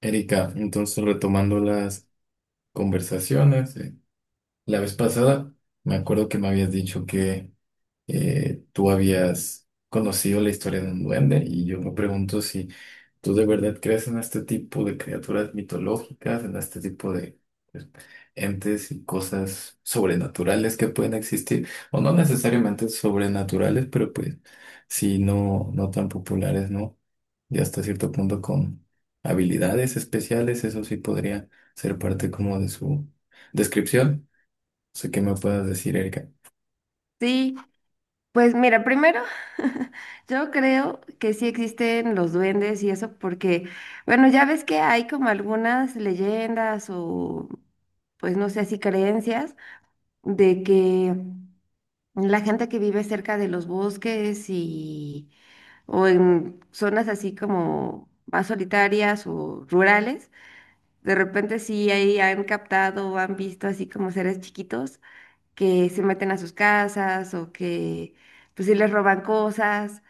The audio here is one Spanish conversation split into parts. Erika, entonces retomando las conversaciones, la vez pasada me acuerdo que me habías dicho que tú habías conocido la historia de un duende y yo me pregunto si tú de verdad crees en este tipo de criaturas mitológicas, en este tipo de pues, entes y cosas sobrenaturales que pueden existir, o no necesariamente sobrenaturales, pero pues sí no, no tan populares, ¿no? Ya hasta cierto punto con habilidades especiales, eso sí podría ser parte como de su descripción. No sé qué me puedas decir, Erika. Sí, pues mira, primero, yo creo que sí existen los duendes y eso, porque, bueno, ya ves que hay como algunas leyendas o, pues no sé, así creencias de que la gente que vive cerca de los bosques y, o en zonas así como más solitarias o rurales, de repente sí ahí han captado o han visto así como seres chiquitos que se meten a sus casas o que pues sí les roban cosas.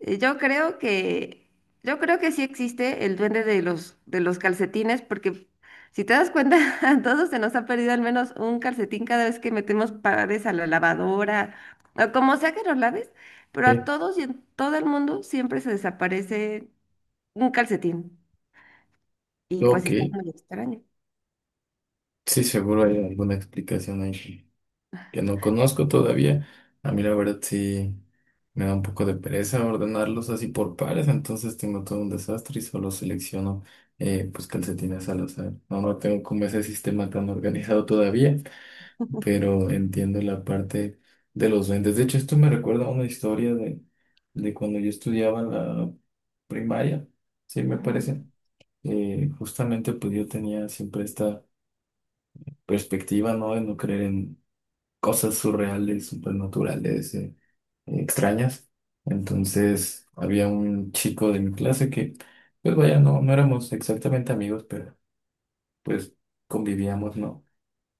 Eh, Yo creo que yo creo que sí existe el duende de los calcetines porque si te das cuenta a todos se nos ha perdido al menos un calcetín cada vez que metemos pares a la lavadora o como sea que los laves, pero a Sí. todos y en todo el mundo siempre se desaparece un calcetín y pues Ok, está muy extraño. sí, seguro hay alguna explicación ahí que no conozco todavía. A mí la verdad sí me da un poco de pereza ordenarlos así por pares, entonces tengo todo un desastre y solo selecciono pues calcetines al azar. No, no tengo como ese sistema tan organizado todavía, pero entiendo la parte de los duendes. De hecho, esto me recuerda a una historia de cuando yo estudiaba en la primaria, sí, me Ujú. parece. Justamente, pues yo tenía siempre esta perspectiva, ¿no? De no creer en cosas surreales, supernaturales, extrañas. Entonces, había un chico de mi clase que, pues vaya, no, no éramos exactamente amigos, pero pues convivíamos, ¿no?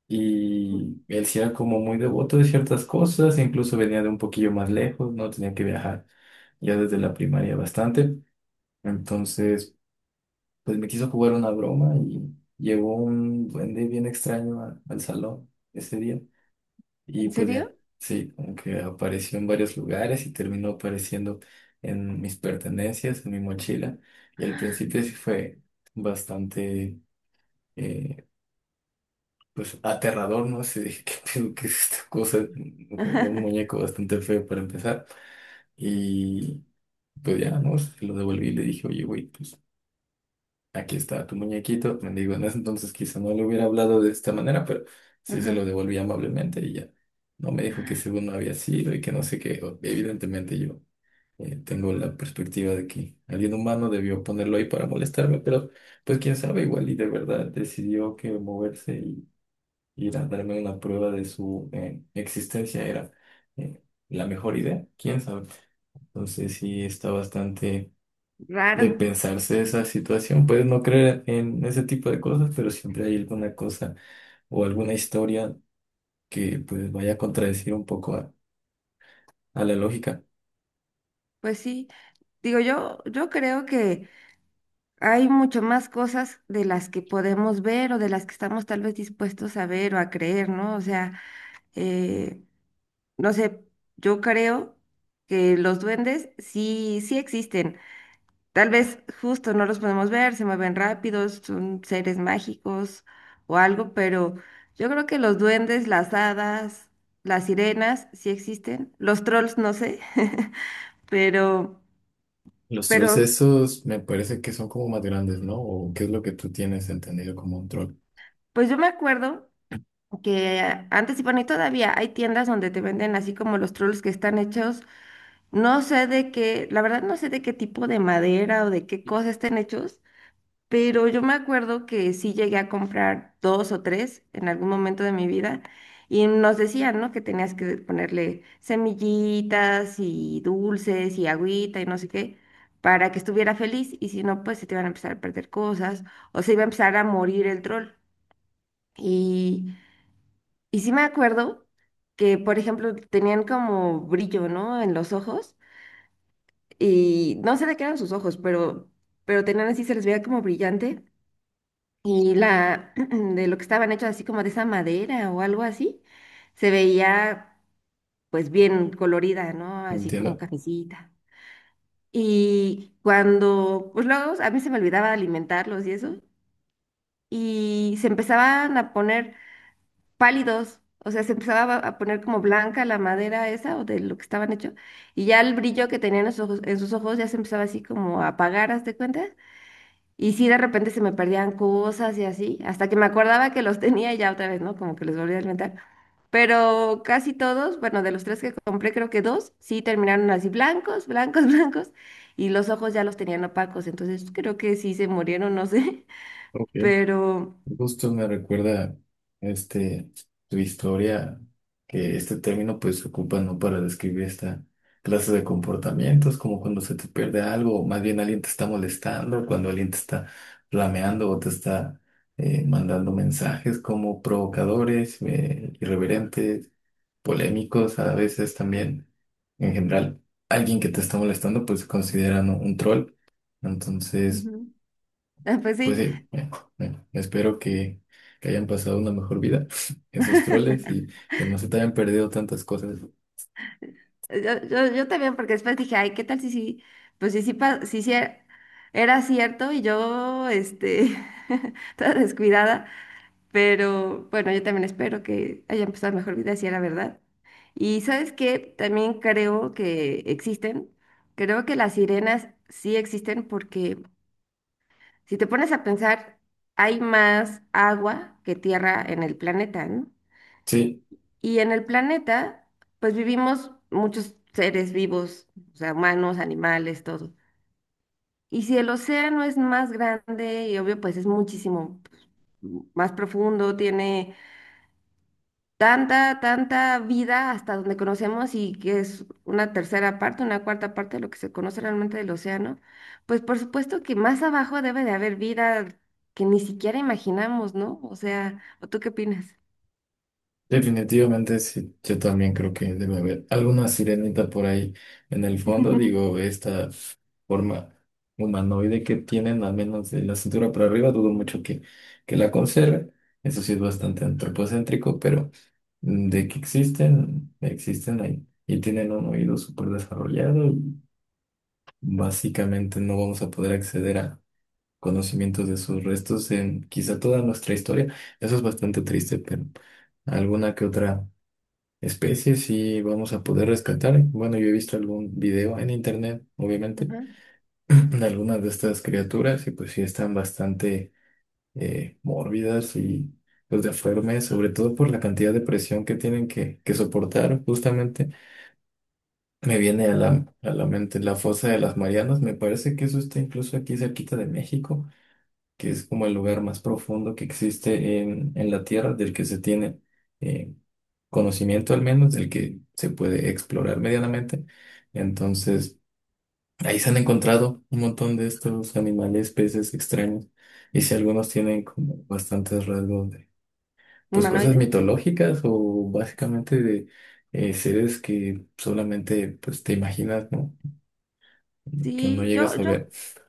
Y él sí era como muy devoto de ciertas cosas, incluso venía de un poquillo más lejos, no tenía que viajar ya desde la primaria bastante. Entonces, pues me quiso jugar una broma y llegó un duende bien extraño al salón ese día. Y ¿En pues ya, serio? sí, como que apareció en varios lugares y terminó apareciendo en mis pertenencias, en mi mochila. Y al principio sí fue bastante... eh, pues aterrador, ¿no? Así dije, ¿qué pedo, qué es esta cosa? Pues, era un muñeco bastante feo para empezar. Y pues ya, ¿no? Se lo devolví y le dije, oye, güey, pues aquí está tu muñequito. Me digo, en ese entonces quizá no le hubiera hablado de esta manera, pero sí se Ajá. lo devolví amablemente y ya. No me dijo que según no había sido y que no sé qué. Evidentemente yo tengo la perspectiva de que alguien humano debió ponerlo ahí para molestarme, pero pues quién sabe, igual y de verdad decidió que moverse ir a darme una prueba de su existencia era eh, la mejor idea, quién sabe. Entonces sí está bastante de Raro. pensarse esa situación. Puedes no creer en ese tipo de cosas, pero siempre hay alguna cosa o alguna historia que pues vaya a contradecir un poco a la lógica. Pues sí. Digo, yo creo que hay mucho más cosas de las que podemos ver o de las que estamos tal vez dispuestos a ver o a creer, ¿no? O sea, eh, no sé, yo creo que los duendes sí existen. Tal vez justo no los podemos ver, se mueven rápidos, son seres mágicos o algo, pero yo creo que los duendes, las hadas, las sirenas sí existen. Los trolls, no sé. pero, Los trolls pero... esos me parece que son como más grandes, ¿no? ¿O qué es lo que tú tienes entendido como un troll? Pues yo me acuerdo que antes y bueno, y todavía hay tiendas donde te venden así como los trolls que están hechos, no sé de qué, la verdad no sé de qué tipo de madera o de qué cosa estén hechos, pero yo me acuerdo que sí llegué a comprar dos o tres en algún momento de mi vida y nos decían, ¿no? Que tenías que ponerle semillitas y dulces y agüita y no sé qué, para que estuviera feliz y si no, pues se te iban a empezar a perder cosas o se iba a empezar a morir el troll. Y, y sí me acuerdo que, por ejemplo, tenían como brillo, ¿no? En los ojos. Y no sé de qué eran sus ojos, pero, tenían así, se les veía como brillante. Y la, de lo que estaban hechos así como de esa madera o algo así, se veía pues bien colorida, ¿no? Así como ¿Entiendo? cafecita. Y cuando, pues luego a mí se me olvidaba alimentarlos y eso. Y se empezaban a poner pálidos, o sea, se empezaba a poner como blanca la madera esa o de lo que estaban hecho, y ya el brillo que tenían en sus ojos, ya se empezaba así como a apagar, ¿haz de cuenta? Y sí, de repente se me perdían cosas y así, hasta que me acordaba que los tenía y ya otra vez, ¿no? Como que los volví a alimentar. Pero casi todos, bueno, de los tres que compré, creo que dos, sí terminaron así blancos, blancos, blancos, y los ojos ya los tenían opacos, entonces creo que sí se murieron, no sé, Ok. pero... Justo me recuerda este, tu historia, que este término pues se ocupa no para describir esta clase de comportamientos, como cuando se te pierde algo, o más bien alguien te está molestando, cuando alguien te está flameando o te está mandando mensajes como provocadores, irreverentes, polémicos, a veces también en general. Alguien que te está molestando pues se considera, ¿no?, un troll. Entonces... Ujú. Ah, pues Pues sí. sí, bueno, bueno, espero que hayan pasado una mejor vida esos troles y que no se te hayan perdido tantas cosas. Yo también, porque después dije, ay, ¿qué tal si sí? Pues si sí, si sí era cierto y yo, este, toda descuidada, pero bueno, yo también espero que haya empezado mejor vida si era verdad. Y ¿sabes qué? También creo que existen, creo que las sirenas sí existen porque si te pones a pensar, hay más agua que tierra en el planeta, ¿no? Sí, Y en el planeta, pues vivimos muchos seres vivos, o sea, humanos, animales, todo. Y si el océano es más grande y obvio, pues es muchísimo más profundo, tiene tanta, tanta vida hasta donde conocemos y que es una tercera parte, una cuarta parte de lo que se conoce realmente del océano, pues por supuesto que más abajo debe de haber vida que ni siquiera imaginamos, ¿no? O sea, ¿o tú qué opinas? definitivamente sí. Yo también creo que debe haber alguna sirenita por ahí en el fondo. Digo, esta forma humanoide que tienen, al menos de la cintura para arriba, dudo mucho que la conserven. Eso sí es bastante antropocéntrico, pero mm, de que existen, existen ahí. Y tienen un oído súper desarrollado. Básicamente no vamos a poder acceder a conocimientos de sus restos en quizá toda nuestra historia. Eso es bastante triste, pero alguna que otra especie sí vamos a poder rescatar. Bueno, yo he visto algún video en internet, obviamente, Ajá. de algunas de estas criaturas y pues sí están bastante mórbidas y pues deformes, sobre todo por la cantidad de presión que tienen que soportar justamente. Me viene a a la mente la fosa de las Marianas, me parece que eso está incluso aquí cerquita de México, que es como el lugar más profundo que existe en la Tierra, del que se tiene eh, conocimiento al menos, del que se puede explorar medianamente. Entonces, ahí se han encontrado un montón de estos animales, peces extraños, y si algunos tienen como bastantes rasgos pues cosas ¿Humanoide? mitológicas o básicamente de seres que solamente pues te imaginas, ¿no? Que no Sí, llegas a ver.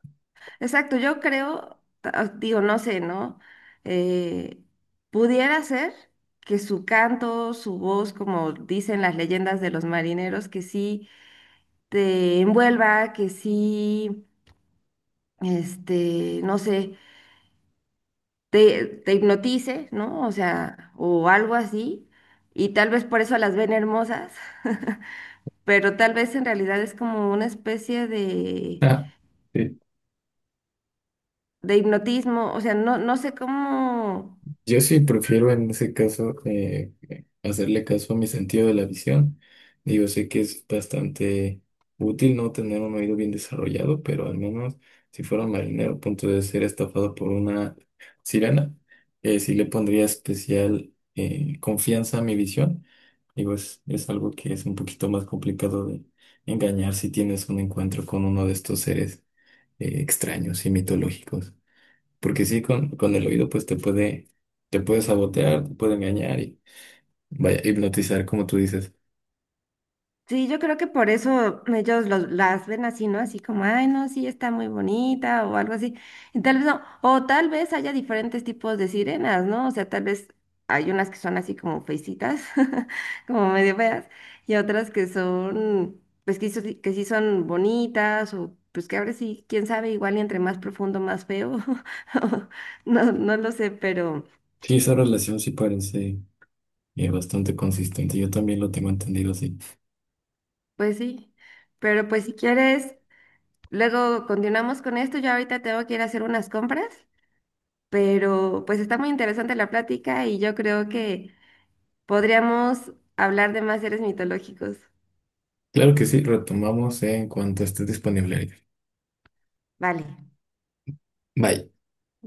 exacto, yo creo, digo, no sé, ¿no? Eh, pudiera ser que su canto, su voz, como dicen las leyendas de los marineros, que sí te envuelva, que sí, este, no sé, te hipnotice, ¿no? O sea, o algo así, y tal vez por eso las ven hermosas, pero tal vez en realidad es como una especie de, Sí. de hipnotismo, o sea, no, no sé cómo. Yo sí prefiero en ese caso hacerle caso a mi sentido de la visión. Digo, sé que es bastante útil no tener un oído bien desarrollado, pero al menos si fuera marinero a punto de ser estafado por una sirena, sí le pondría especial confianza a mi visión. Digo, es algo que es un poquito más complicado de engañar si tienes un encuentro con uno de estos seres extraños y mitológicos. Porque sí, con el oído pues te puede sabotear, te puede engañar y vaya, hipnotizar, como tú dices. Sí, yo creo que por eso ellos los, las ven así, ¿no? Así como, ay, no, sí, está muy bonita o algo así. Y tal vez no, o tal vez haya diferentes tipos de sirenas, ¿no? O sea, tal vez hay unas que son así como feicitas, como medio feas, y otras que son, pues que, sí, que sí son bonitas o pues que ahora sí, quién sabe, igual y entre más profundo, más feo. No, no lo sé, pero Sí, esa relación sí parece bastante consistente. Yo también lo tengo entendido así. pues sí. Pero pues si quieres. Luego continuamos con esto. Yo ahorita tengo que ir a hacer unas compras, pero pues está muy interesante la plática y yo creo que podríamos hablar de más seres mitológicos. Claro que sí, retomamos en cuanto estés disponible, Erika. Vale. Bye.